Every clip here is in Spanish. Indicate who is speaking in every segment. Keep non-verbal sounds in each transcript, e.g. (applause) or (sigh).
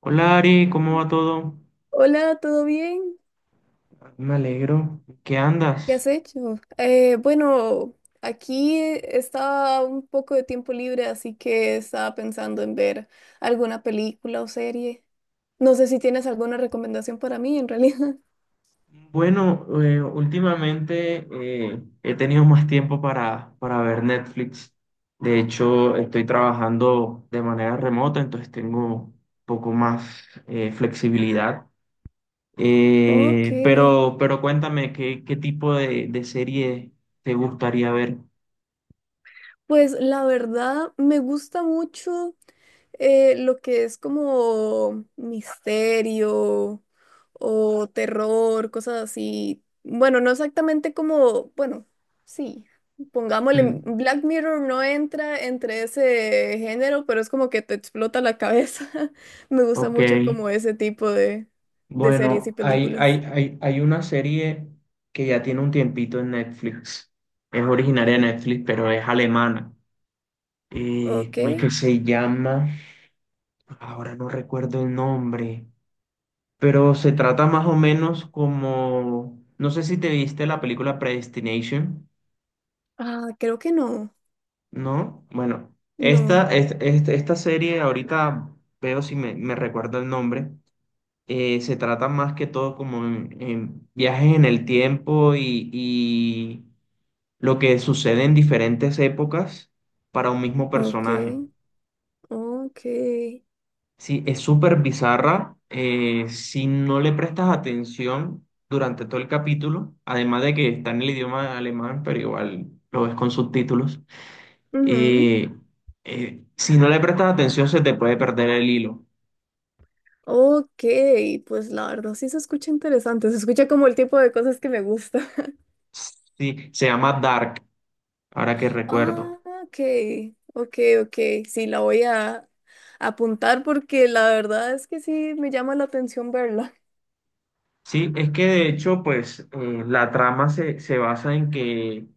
Speaker 1: Hola Ari, ¿cómo va todo?
Speaker 2: Hola, ¿todo bien?
Speaker 1: Me alegro. ¿Qué
Speaker 2: ¿Qué
Speaker 1: andas?
Speaker 2: has hecho? Eh, bueno, aquí estaba un poco de tiempo libre, así que estaba pensando en ver alguna película o serie. No sé si tienes alguna recomendación para mí, en realidad. (laughs)
Speaker 1: Bueno, Últimamente he tenido más tiempo para ver Netflix. De hecho, estoy trabajando de manera remota, entonces tengo un poco más flexibilidad.
Speaker 2: Ok,
Speaker 1: Pero cuéntame, ¿qué tipo de serie te gustaría ver?
Speaker 2: pues la verdad me gusta mucho. Lo que es como misterio o terror, cosas así. Bueno, no exactamente como, bueno, sí, pongámosle,
Speaker 1: Mm.
Speaker 2: Black Mirror no entra entre ese género, pero es como que te explota la cabeza. (laughs) Me gusta
Speaker 1: Ok.
Speaker 2: mucho como ese tipo de series y
Speaker 1: Bueno,
Speaker 2: películas.
Speaker 1: hay una serie que ya tiene un tiempito en Netflix. Es originaria de Netflix, pero es alemana.
Speaker 2: Ok.
Speaker 1: ¿Cómo es que se llama? Ahora no recuerdo el nombre. Pero se trata más o menos como no sé si te viste la película Predestination,
Speaker 2: Ah, creo que no.
Speaker 1: ¿no? Bueno,
Speaker 2: No.
Speaker 1: esta, esta serie ahorita veo si me recuerdo el nombre. Se trata más que todo como en viajes en el tiempo y lo que sucede en diferentes épocas para un mismo
Speaker 2: Ok.
Speaker 1: personaje.
Speaker 2: Ok.
Speaker 1: Sí, es súper bizarra. Si no le prestas atención durante todo el capítulo, además de que está en el idioma alemán, pero igual lo ves con subtítulos,
Speaker 2: Ujú.
Speaker 1: eh, si no le prestas atención se te puede perder el hilo.
Speaker 2: Ok, pues la verdad sí se escucha interesante, se escucha como el tipo de cosas que me gusta. (laughs)
Speaker 1: Sí, se llama Dark, ahora que
Speaker 2: Ah,
Speaker 1: recuerdo.
Speaker 2: ok, ok, ok, sí, la voy a apuntar porque la verdad es que sí me llama la atención verla.
Speaker 1: Sí, es que de hecho, pues la trama se basa en que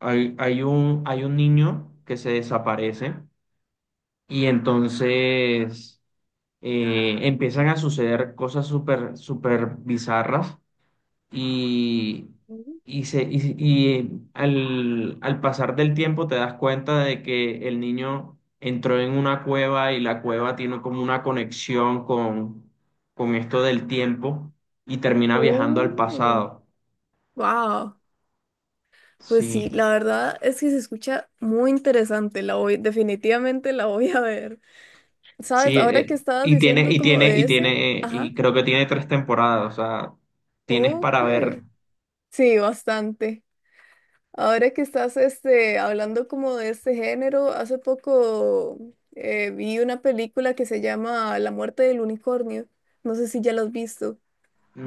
Speaker 1: hay un niño que se desaparece y entonces empiezan a suceder cosas súper, súper bizarras y,
Speaker 2: Mm.
Speaker 1: y al pasar del tiempo te das cuenta de que el niño entró en una cueva y la cueva tiene como una conexión con esto del tiempo y termina viajando al
Speaker 2: Oh,
Speaker 1: pasado.
Speaker 2: wow. Pues sí,
Speaker 1: Sí,
Speaker 2: la verdad es que se escucha muy interesante, la voy, definitivamente la voy a ver. ¿Sabes?
Speaker 1: sí,
Speaker 2: Ahora que estabas diciendo como de
Speaker 1: y
Speaker 2: ese,
Speaker 1: tiene,
Speaker 2: ajá,
Speaker 1: y creo que tiene tres temporadas, o sea, tienes
Speaker 2: ok,
Speaker 1: para ver.
Speaker 2: sí, bastante. Ahora que estás este, hablando como de este género, hace poco vi una película que se llama La muerte del unicornio. No sé si ya la has visto.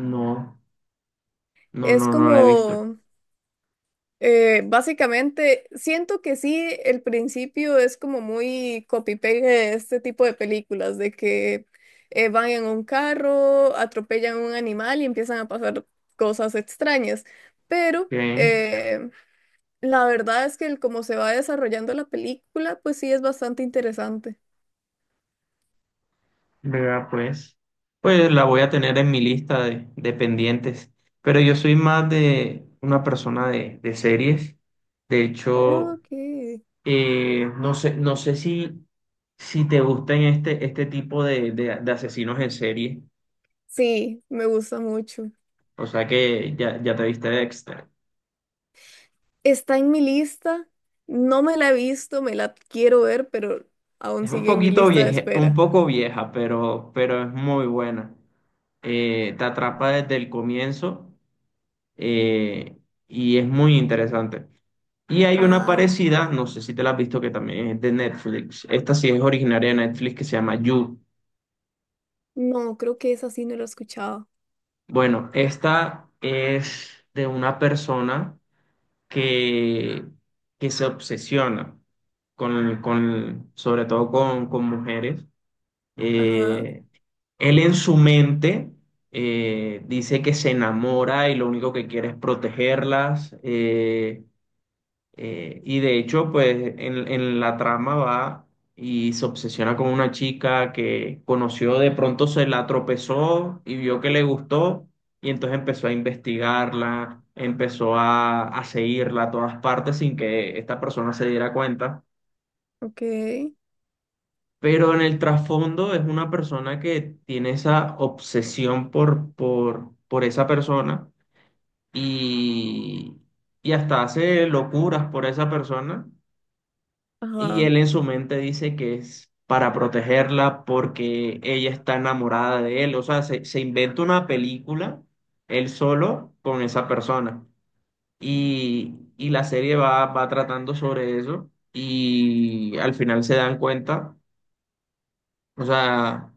Speaker 1: No,
Speaker 2: Es
Speaker 1: no la he visto.
Speaker 2: como, básicamente, siento que sí, el principio es como muy copy-paste de este tipo de películas, de que van en un carro, atropellan a un animal y empiezan a pasar cosas extrañas. Pero...
Speaker 1: Ok,
Speaker 2: eh, la verdad es que el cómo se va desarrollando la película, pues sí es bastante interesante.
Speaker 1: vea, pues. Pues la voy a tener en mi lista de pendientes. Pero yo soy más de una persona de series. De hecho,
Speaker 2: Ok.
Speaker 1: no sé, si te gustan este tipo de asesinos en serie.
Speaker 2: Sí, me gusta mucho.
Speaker 1: O sea que ya, ya te viste Dexter.
Speaker 2: Está en mi lista. No me la he visto, me la quiero ver, pero aún
Speaker 1: Es un
Speaker 2: sigue en mi
Speaker 1: poquito
Speaker 2: lista de
Speaker 1: vieja, un
Speaker 2: espera.
Speaker 1: poco vieja, pero es muy buena. Te atrapa desde el comienzo eh, y es muy interesante. Y hay una
Speaker 2: Ajá.
Speaker 1: parecida, no sé si te la has visto, que también es de Netflix. Esta sí es originaria de Netflix, que se llama You.
Speaker 2: No, creo que esa sí no la he escuchado.
Speaker 1: Bueno, esta es de una persona que, que se obsesiona sobre todo con mujeres.
Speaker 2: Ajá.
Speaker 1: Eh, Él en su mente dice que se enamora y lo único que quiere es protegerlas. Y de hecho, pues en la trama va y se obsesiona con una chica que conoció, de pronto se la tropezó y vio que le gustó y entonces empezó a investigarla, empezó a seguirla a todas partes sin que esta persona se diera cuenta.
Speaker 2: Ok.
Speaker 1: Pero en el trasfondo es una persona que tiene esa obsesión por esa persona y, y hasta hace locuras por esa persona y
Speaker 2: Ajá.
Speaker 1: él en su mente dice que es para protegerla porque ella está enamorada de él, o sea, se inventa una película él solo con esa persona y la serie va, va tratando sobre eso y al final se dan cuenta, o sea,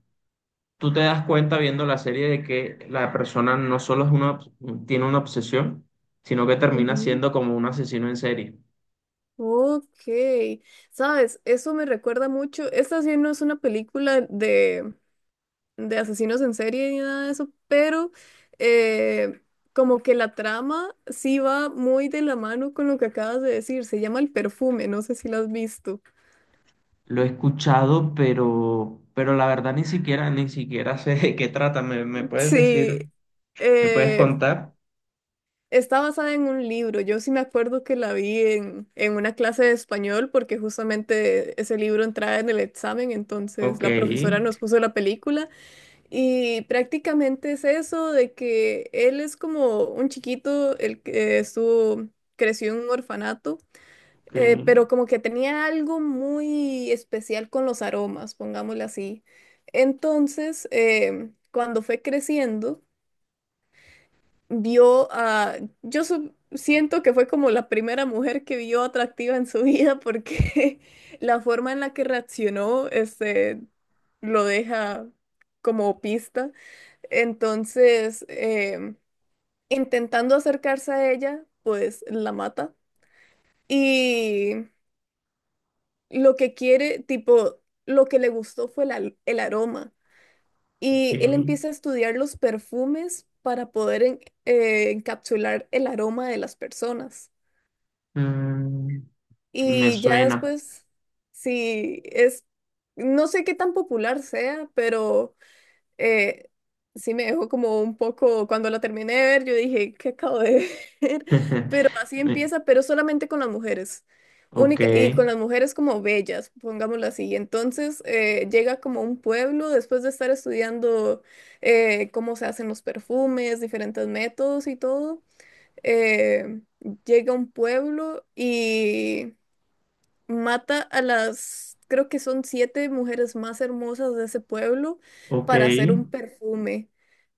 Speaker 1: tú te das cuenta viendo la serie de que la persona no solo es una, tiene una obsesión, sino que termina
Speaker 2: Ujú.
Speaker 1: siendo como un asesino en serie.
Speaker 2: Ok. ¿Sabes? Eso me recuerda mucho. Esta sí no es una película de asesinos en serie ni nada de eso, pero eh, como que la trama sí va muy de la mano con lo que acabas de decir. Se llama El Perfume, no sé si la has visto.
Speaker 1: Lo he escuchado, pero la verdad ni siquiera, ni siquiera (laughs) sé de qué trata. ¿Me puedes
Speaker 2: Sí,
Speaker 1: decir, me puedes
Speaker 2: eh,
Speaker 1: contar?
Speaker 2: está basada en un libro. Yo sí me acuerdo que la vi en una clase de español porque justamente ese libro entraba en el examen, entonces
Speaker 1: Ok,
Speaker 2: la profesora nos puso la película. Y prácticamente es eso de que él es como un chiquito, el que estuvo, creció en un orfanato,
Speaker 1: ok,
Speaker 2: pero como que tenía algo muy especial con los aromas, pongámosle así. Entonces, cuando fue creciendo, vio a, siento que fue como la primera mujer que vio atractiva en su vida porque (laughs) la forma en la que reaccionó, este, lo deja como pista. Entonces, intentando acercarse a ella, pues la mata. Y lo que quiere, tipo, lo que le gustó fue el aroma.
Speaker 1: ok.
Speaker 2: Y él empieza a estudiar los perfumes para poder encapsular el aroma de las personas.
Speaker 1: Mm, sí, me
Speaker 2: Y ya
Speaker 1: suena.
Speaker 2: después, sí es, no sé qué tan popular sea, pero... eh, sí me dejó como un poco, cuando la terminé de ver, yo dije, ¿qué acabo de ver? (laughs)
Speaker 1: (laughs)
Speaker 2: Pero así
Speaker 1: Me-
Speaker 2: empieza, pero solamente con las mujeres.
Speaker 1: Ok,
Speaker 2: Única, y con las mujeres como bellas, pongámoslo así. Entonces llega como a un pueblo después de estar estudiando cómo se hacen los perfumes, diferentes métodos y todo. eh, Llega a un pueblo, mata a las, creo que son 7 mujeres más hermosas de ese pueblo
Speaker 1: ok.
Speaker 2: para hacer un perfume.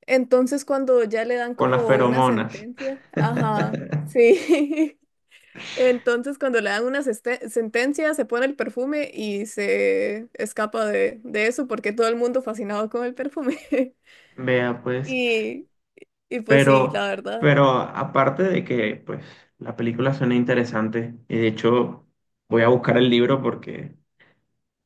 Speaker 2: Entonces cuando ya le dan
Speaker 1: Con las
Speaker 2: como una
Speaker 1: feromonas.
Speaker 2: sentencia, ajá,
Speaker 1: (laughs)
Speaker 2: sí. (laughs) Entonces cuando le dan una sentencia, se pone el perfume y se escapa de eso porque todo el mundo fascinado con el perfume. (laughs)
Speaker 1: Vea, pues.
Speaker 2: Y, y pues sí, la
Speaker 1: Pero,
Speaker 2: verdad.
Speaker 1: pero aparte de que, pues, la película suena interesante, y de hecho voy a buscar el libro porque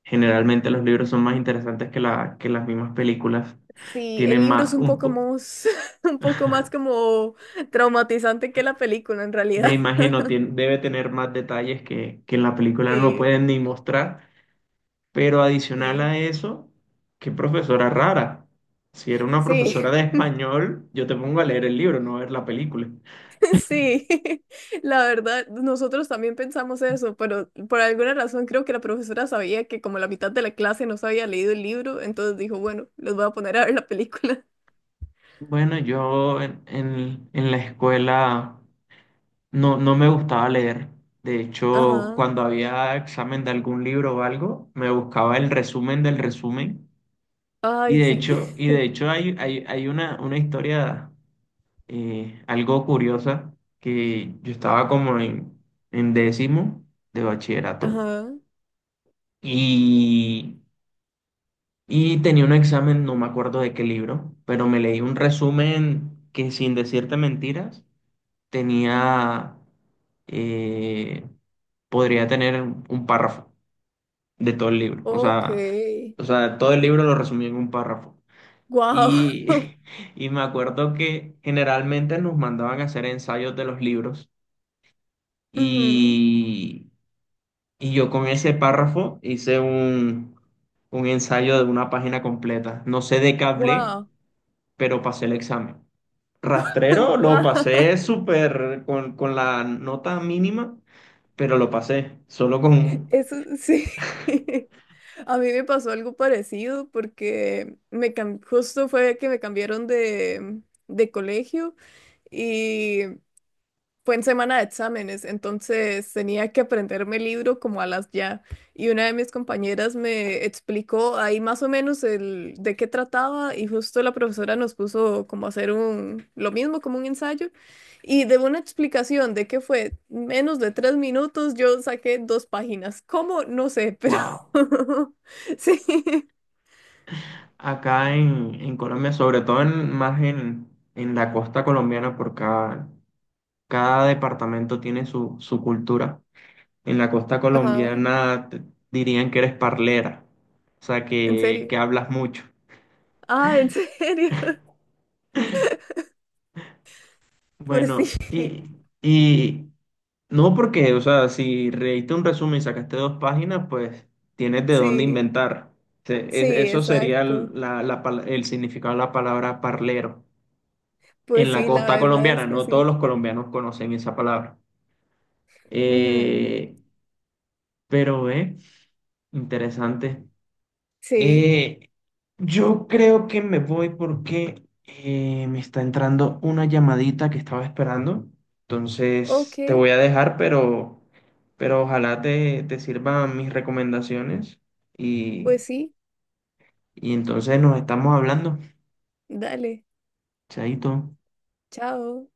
Speaker 1: generalmente los libros son más interesantes que la, que las mismas películas.
Speaker 2: Sí, el
Speaker 1: Tienen
Speaker 2: libro es
Speaker 1: más,
Speaker 2: un
Speaker 1: un,
Speaker 2: poco
Speaker 1: po-
Speaker 2: más, (laughs) un poco más como traumatizante que la película en
Speaker 1: me
Speaker 2: realidad.
Speaker 1: imagino, tien- debe tener más detalles que en la
Speaker 2: (laughs)
Speaker 1: película no
Speaker 2: Sí.
Speaker 1: pueden ni mostrar. Pero adicional
Speaker 2: Sí,
Speaker 1: a eso, qué profesora rara. Si era una profesora
Speaker 2: sí,
Speaker 1: de español, yo te pongo a leer el libro, no a ver la película.
Speaker 2: (laughs) sí. (laughs) La verdad, nosotros también pensamos eso, pero por alguna razón creo que la profesora sabía que como la mitad de la clase no se había leído el libro, entonces dijo, bueno, los voy a poner a ver la película.
Speaker 1: Bueno, yo en, en la escuela. No, no me gustaba leer. De
Speaker 2: (laughs)
Speaker 1: hecho,
Speaker 2: Ajá.
Speaker 1: cuando había examen de algún libro o algo, me buscaba el resumen del resumen. Y
Speaker 2: Ay,
Speaker 1: de
Speaker 2: sí.
Speaker 1: hecho,
Speaker 2: (laughs)
Speaker 1: hay una historia algo curiosa que yo estaba como en décimo de bachillerato
Speaker 2: Ajá.
Speaker 1: y, y tenía un examen, no me acuerdo de qué libro, pero me leí un resumen que sin decirte mentiras tenía eh, podría tener un párrafo de todo el libro.
Speaker 2: Ok.
Speaker 1: O sea, todo el libro lo resumí en un párrafo.
Speaker 2: Wow.
Speaker 1: Y
Speaker 2: (laughs)
Speaker 1: (laughs) y me acuerdo que generalmente nos mandaban a hacer ensayos de los libros y, y yo con ese párrafo hice un ensayo de una página completa. No sé de qué hablé,
Speaker 2: Wow.
Speaker 1: pero pasé el examen.
Speaker 2: (laughs)
Speaker 1: Rastrero lo
Speaker 2: Wow.
Speaker 1: pasé súper con la nota mínima, pero lo pasé solo con...
Speaker 2: Eso sí. (laughs) A mí me pasó algo parecido porque justo fue que me cambiaron de colegio. Y fue en semana de exámenes, entonces tenía que aprenderme el libro como a las ya. Y una de mis compañeras me explicó ahí más o menos el de qué trataba y justo la profesora nos puso como a hacer un lo mismo como un ensayo y de una explicación de qué fue menos de 3 minutos yo saqué 2 páginas. ¿Cómo? No sé, pero
Speaker 1: ¡Wow!
Speaker 2: (laughs) sí.
Speaker 1: Acá en Colombia, sobre todo en, más en la costa colombiana, porque cada, cada departamento tiene su, su cultura. En la costa
Speaker 2: Ajá,
Speaker 1: colombiana te- dirían que eres parlera, o sea,
Speaker 2: en serio.
Speaker 1: que hablas mucho.
Speaker 2: Ah, en serio. (laughs) Pues sí,
Speaker 1: Bueno, y no porque, o sea, si leíste un resumen y sacaste dos páginas, pues tienes de dónde
Speaker 2: sí,
Speaker 1: inventar. Se- es-
Speaker 2: sí,
Speaker 1: Eso sería el-
Speaker 2: exacto.
Speaker 1: la pal- el significado de la palabra parlero. En
Speaker 2: Pues
Speaker 1: la
Speaker 2: sí, la
Speaker 1: costa
Speaker 2: verdad es
Speaker 1: colombiana.
Speaker 2: que
Speaker 1: No todos
Speaker 2: sí.
Speaker 1: los colombianos conocen esa palabra.
Speaker 2: Ujú,
Speaker 1: Eh, pero, eh, Interesante.
Speaker 2: sí.
Speaker 1: Eh, yo creo que me voy porque me está entrando una llamadita que estaba esperando.
Speaker 2: Ok,
Speaker 1: Entonces, te voy a dejar, pero ojalá te, te sirvan mis recomendaciones. Y,
Speaker 2: pues sí.
Speaker 1: y entonces nos estamos hablando.
Speaker 2: Dale.
Speaker 1: Chaito.
Speaker 2: Chao.